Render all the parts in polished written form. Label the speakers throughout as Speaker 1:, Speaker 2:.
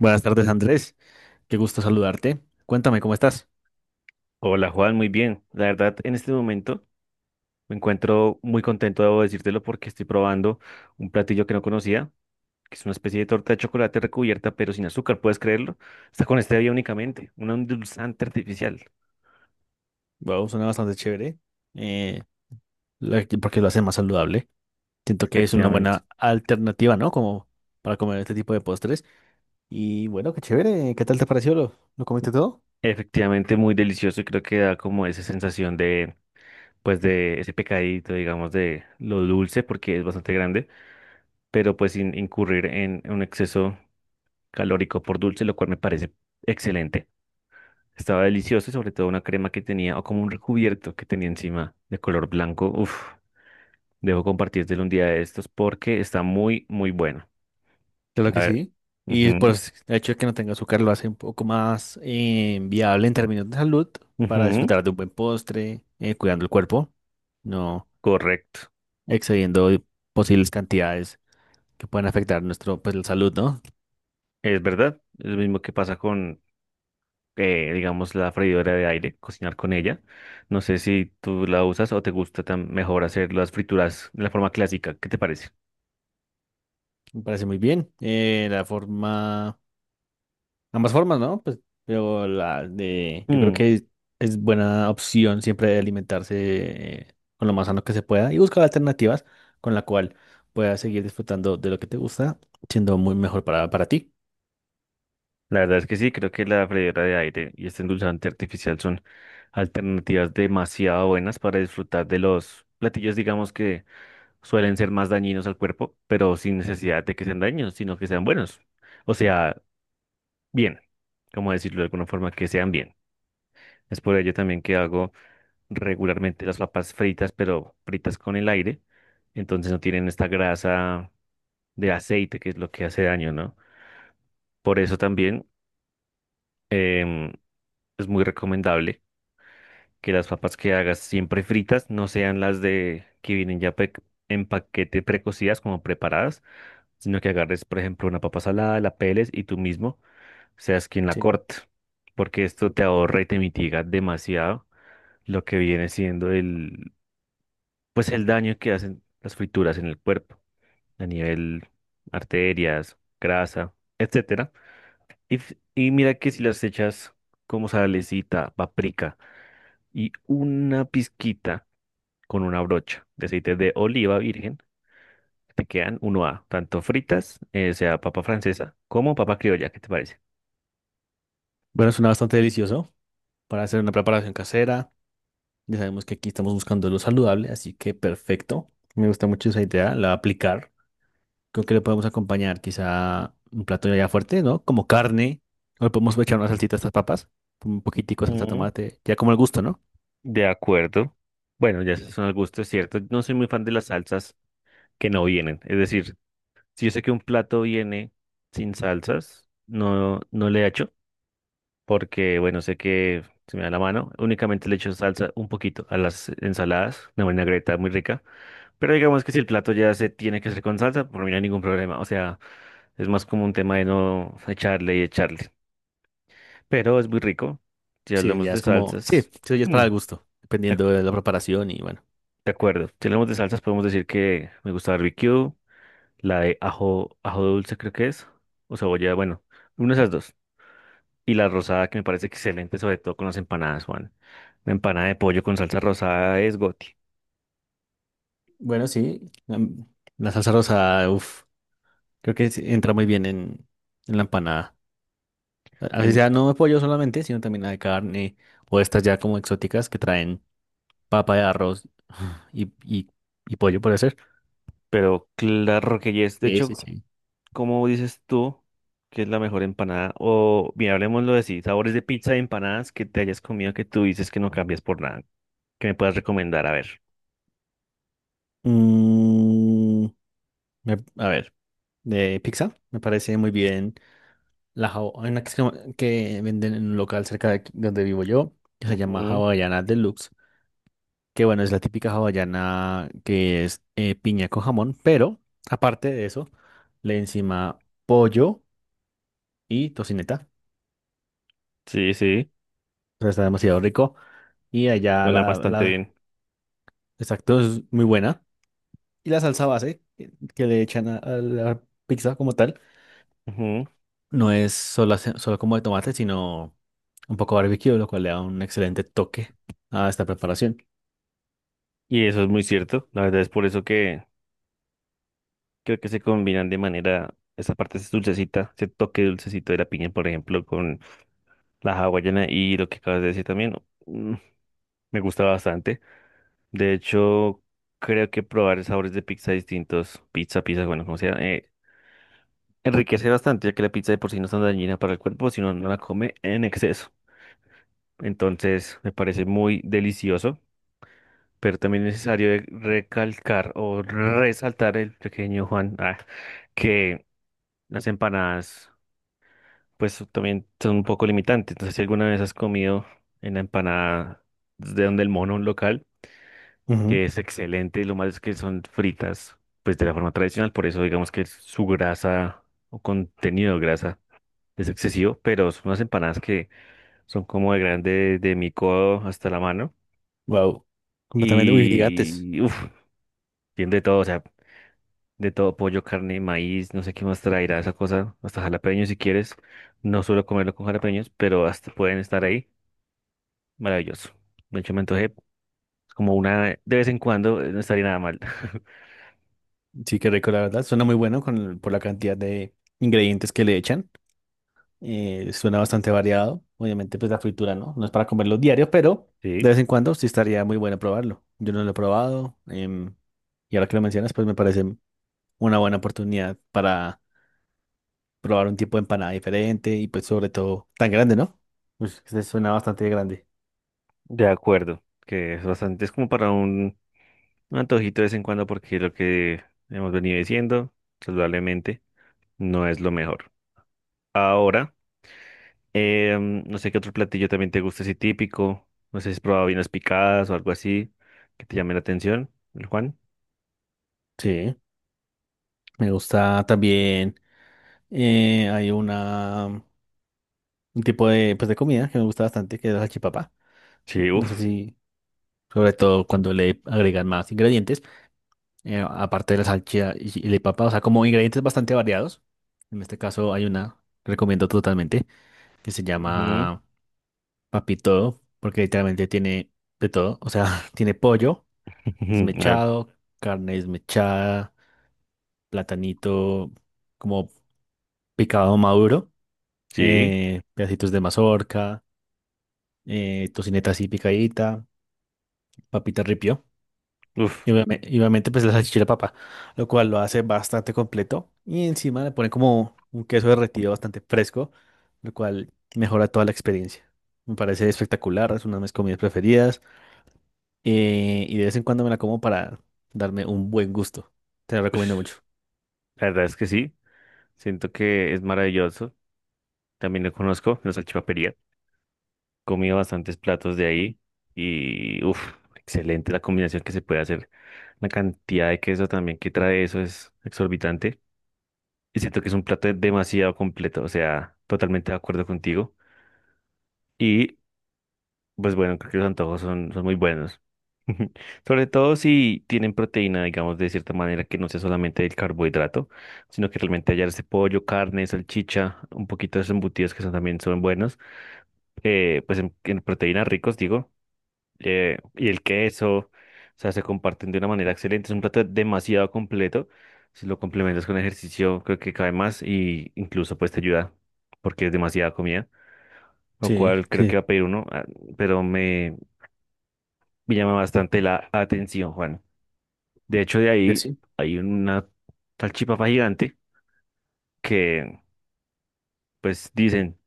Speaker 1: Buenas tardes, Andrés. Qué gusto saludarte. Cuéntame, ¿cómo estás?
Speaker 2: Hola Juan, muy bien. La verdad, en este momento me encuentro muy contento, debo decírtelo, porque estoy probando un platillo que no conocía, que es una especie de torta de chocolate recubierta, pero sin azúcar, ¿puedes creerlo? Está con stevia únicamente, un endulzante artificial.
Speaker 1: Wow, suena bastante chévere. Eh, Porque lo hace más saludable. Siento que es una
Speaker 2: Efectivamente.
Speaker 1: buena alternativa, ¿no? Como para comer este tipo de postres. Y bueno, qué chévere. ¿Qué tal te pareció? ¿Lo comiste todo?
Speaker 2: Efectivamente, muy delicioso y creo que da como esa sensación pues de ese pecadito, digamos, de lo dulce, porque es bastante grande, pero pues sin incurrir en un exceso calórico por dulce, lo cual me parece excelente. Estaba delicioso y sobre todo una crema que tenía, o como un recubierto que tenía encima de color blanco. Uf, debo compartírtelo un día de estos porque está muy, muy bueno.
Speaker 1: Claro
Speaker 2: A
Speaker 1: que
Speaker 2: ver.
Speaker 1: sí. Y
Speaker 2: Ujú,
Speaker 1: pues el hecho de que no tenga azúcar lo hace un poco más viable en términos de salud para
Speaker 2: ujú,
Speaker 1: disfrutar de un buen postre, cuidando el cuerpo, no
Speaker 2: correcto.
Speaker 1: excediendo posibles cantidades que pueden afectar nuestro, pues, la salud, ¿no?
Speaker 2: Es verdad. Es lo mismo que pasa con, digamos, la freidora de aire, cocinar con ella. No sé si tú la usas o te gusta tan mejor hacer las frituras de la forma clásica. ¿Qué te parece?
Speaker 1: Me parece muy bien. Ambas formas, ¿no? Pues, yo creo
Speaker 2: Mm.
Speaker 1: que es buena opción siempre alimentarse con lo más sano que se pueda y buscar alternativas con la cual puedas seguir disfrutando de lo que te gusta, siendo muy mejor para ti.
Speaker 2: La verdad es que sí, creo que la freidora de aire y este endulzante artificial son alternativas demasiado buenas para disfrutar de los platillos, digamos que suelen ser más dañinos al cuerpo, pero sin necesidad de que sean dañinos, sino que sean buenos. O sea, bien, como decirlo de alguna forma, que sean bien. Es por ello también que hago regularmente las papas fritas, pero fritas con el aire, entonces no tienen esta grasa de aceite que es lo que hace daño, ¿no? Por eso también em, es muy recomendable que las papas que hagas siempre fritas no sean las de que vienen ya en paquete precocidas como preparadas, sino que agarres, por ejemplo, una papa salada, la peles y tú mismo seas quien la
Speaker 1: Sí.
Speaker 2: corte, porque esto te ahorra y te mitiga demasiado lo que viene siendo pues el daño que hacen las frituras en el cuerpo a nivel arterias, grasa, etcétera. Y mira que si las echas como salecita, paprika y una pizquita con una brocha de aceite de oliva virgen. Te quedan uno a tanto fritas, sea papa francesa, como papa criolla. ¿Qué te parece?
Speaker 1: Bueno, suena bastante delicioso para hacer una preparación casera. Ya sabemos que aquí estamos buscando lo saludable, así que perfecto. Me gusta mucho esa idea, la voy a aplicar. Creo que le podemos acompañar quizá un plato ya fuerte, ¿no? Como carne. O le podemos echar una salsita a estas papas. Un poquitico de salsa de
Speaker 2: Mm,
Speaker 1: tomate. Ya como el gusto, ¿no?
Speaker 2: de acuerdo. Bueno, ya esos son al gusto, es cierto. No soy muy fan de las salsas que no vienen. Es decir, si yo sé que un plato viene sin salsas, no, no le echo, porque, bueno, sé que se me da la mano. Únicamente le echo salsa un poquito a las ensaladas, una vinagreta muy rica. Pero digamos que si el plato ya se tiene que hacer con salsa, por mí no hay ningún problema. O sea, es más como un tema de no echarle y echarle. Pero es muy rico. Si
Speaker 1: Sí,
Speaker 2: hablamos
Speaker 1: ya
Speaker 2: de
Speaker 1: es como... Sí,
Speaker 2: salsas,
Speaker 1: sí, ya es
Speaker 2: mm,
Speaker 1: para el gusto.
Speaker 2: de
Speaker 1: Dependiendo de la preparación y bueno.
Speaker 2: de acuerdo. Si hablamos de salsas, podemos decir que me gusta barbecue, la de ajo, ajo dulce creo que es, o cebolla, bueno, una de esas dos. Y la rosada que me parece excelente, sobre todo con las empanadas, Juan. Una empanada de pollo con salsa rosada es goti.
Speaker 1: Bueno, sí. La salsa rosa, uff. Creo que sí entra muy bien en la empanada. Así
Speaker 2: Em,
Speaker 1: sea, no de pollo solamente, sino también la de carne. O estas ya como exóticas que traen papa de arroz y, y, y pollo, puede ser.
Speaker 2: Pero claro que ya es, de
Speaker 1: Sí, sí,
Speaker 2: hecho.
Speaker 1: sí.
Speaker 2: ¿Cómo dices tú que es la mejor empanada? O bien, hablemoslo de sí, sabores de pizza y empanadas que te hayas comido que tú dices que no cambias por nada. ¿Que me puedas recomendar? A ver.
Speaker 1: Mm, a ver, de pizza, me parece muy bien. Hay una que venden en un local cerca de aquí, donde vivo yo, que se llama
Speaker 2: Ujú.
Speaker 1: Hawaiana Deluxe, que bueno, es la típica hawaiana que es piña con jamón, pero aparte de eso, le encima pollo y tocineta.
Speaker 2: Sí, sí,
Speaker 1: O sea, está demasiado rico. Y allá
Speaker 2: suena
Speaker 1: la,
Speaker 2: bastante
Speaker 1: la,
Speaker 2: bien.
Speaker 1: exacto, es muy buena. Y la salsa base que le echan a la pizza como tal.
Speaker 2: Ujú.
Speaker 1: No es solo, solo como de tomate, sino un poco barbecue, lo cual le da un excelente toque a esta preparación.
Speaker 2: Y eso es muy cierto. La verdad es por eso que creo que se combinan de manera, esa parte es dulcecita, ese toque dulcecito de la piña, por ejemplo, con la hawaiana y lo que acabas de decir también. Mm, me gusta bastante. De hecho, creo que probar sabores de pizza distintos, pizza, pizza, bueno, como sea. Enriquece bastante, ya que la pizza de por sí no es tan dañina para el cuerpo, sino no la come en exceso. Entonces, me parece muy delicioso, pero también es necesario recalcar o resaltar el pequeño Juan, que las empanadas, pues también son un poco limitantes. Entonces, si alguna vez has comido en la empanada de donde el mono, un local, que es excelente, lo malo es que son fritas, pues de la forma tradicional, por eso digamos que su grasa o contenido de grasa. Es excesivo, pero son unas empanadas que son como de grande de mi codo hasta la mano.
Speaker 1: Wow, completamente. Uy, gigantes.
Speaker 2: Y uff, tiene de todo, o sea, de todo, pollo, carne, maíz, no sé qué más traerá esa cosa, hasta jalapeños si quieres. No suelo comerlo con jalapeños, pero hasta pueden estar ahí. Maravilloso. De hecho, me antojé como una de vez en cuando, no estaría nada mal.
Speaker 1: Sí, qué rico, la verdad. Suena muy bueno por la cantidad de ingredientes que le echan. Suena bastante variado. Obviamente, pues la fritura, ¿no? No es para comerlo diario, pero
Speaker 2: Sí,
Speaker 1: de vez en cuando sí estaría muy bueno probarlo. Yo no lo he probado. Y ahora que lo mencionas, pues me parece una buena oportunidad para probar un tipo de empanada diferente y pues sobre todo tan grande, ¿no? Pues que se suena bastante grande.
Speaker 2: de acuerdo, que es bastante, es como para un, antojito de vez en cuando porque lo que hemos venido diciendo, saludablemente, no es lo mejor. Ahora, no sé qué otro platillo también te gusta así típico. No sé si has probado vinas picadas o algo así que te llame la atención, el Juan.
Speaker 1: Sí, me gusta también. eh, hay una um, un tipo de pues de comida que me gusta bastante, que es la salchipapa.
Speaker 2: Sí,
Speaker 1: No sé
Speaker 2: uff.
Speaker 1: si, sobre todo cuando le agregan más ingredientes, aparte de la salchicha y la papa, o sea, como ingredientes bastante variados. En este caso hay una, que recomiendo totalmente, que se llama papito, porque literalmente tiene de todo. O sea, tiene pollo. Desmechado, carne desmechada, platanito como picado maduro,
Speaker 2: Sí,
Speaker 1: pedacitos de mazorca, tocineta así picadita, papita ripio.
Speaker 2: uff.
Speaker 1: Y obviamente, pues la salchicha papa, lo cual lo hace bastante completo. Y encima le pone como un queso derretido bastante fresco, lo cual mejora toda la experiencia. Me parece espectacular, es una de mis comidas preferidas. Y de vez en cuando me la como para darme un buen gusto. Te la recomiendo mucho.
Speaker 2: La verdad es que sí. Siento que es maravilloso. También lo conozco, la salchipapería. Comí bastantes platos de ahí y uff, excelente la combinación que se puede hacer. La cantidad de queso también que trae eso es exorbitante. Y siento que es un plato demasiado completo, o sea, totalmente de acuerdo contigo. Y pues bueno, creo que los antojos son muy buenos. Sobre todo si tienen proteína, digamos, de cierta manera que no sea solamente el carbohidrato, sino que realmente hallar ese pollo, carne, salchicha, un poquito de esos embutidos que son, también son buenos, pues en proteínas ricos, digo y el queso, o sea, se comparten de una manera excelente. Es un plato demasiado completo. Si lo complementas con ejercicio, creo que cae más y incluso pues te ayuda porque es demasiada comida, lo
Speaker 1: Sí,
Speaker 2: cual creo que va
Speaker 1: sí.
Speaker 2: a pedir uno, pero me llama bastante la atención, Juan. De hecho, de
Speaker 1: Que
Speaker 2: ahí
Speaker 1: sí.
Speaker 2: hay una salchipapa gigante que pues dicen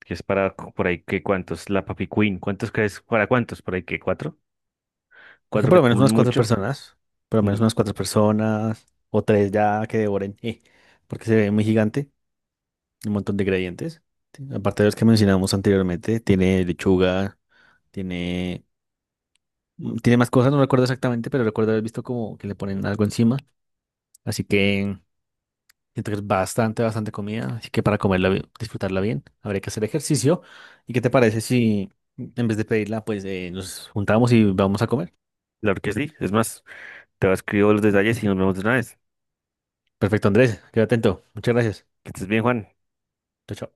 Speaker 2: que es para por ahí que cuántos, la Papi Queen, ¿cuántos crees? ¿Para cuántos? Por ahí que cuatro,
Speaker 1: Es que
Speaker 2: cuatro
Speaker 1: por
Speaker 2: que
Speaker 1: lo menos
Speaker 2: comen
Speaker 1: unas 4
Speaker 2: mucho.
Speaker 1: personas, por lo
Speaker 2: Mm.
Speaker 1: menos unas 4 personas, o tres ya que devoren, porque se ve muy gigante, un montón de ingredientes. Aparte de los que mencionamos anteriormente, tiene lechuga, tiene, mm, tiene más cosas, no recuerdo exactamente, pero recuerdo haber visto como que le ponen algo encima. Así que siento que es bastante, bastante comida. Así que para comerla, disfrutarla bien, habría que hacer ejercicio. ¿Y qué te parece si en vez de pedirla, pues nos juntamos y vamos a comer?
Speaker 2: Claro que sí, es más. Te voy a escribir los detalles y nos vemos de una vez.
Speaker 1: Perfecto, Andrés, quédate atento. Muchas gracias.
Speaker 2: Que estés bien, Juan.
Speaker 1: Chao, chao.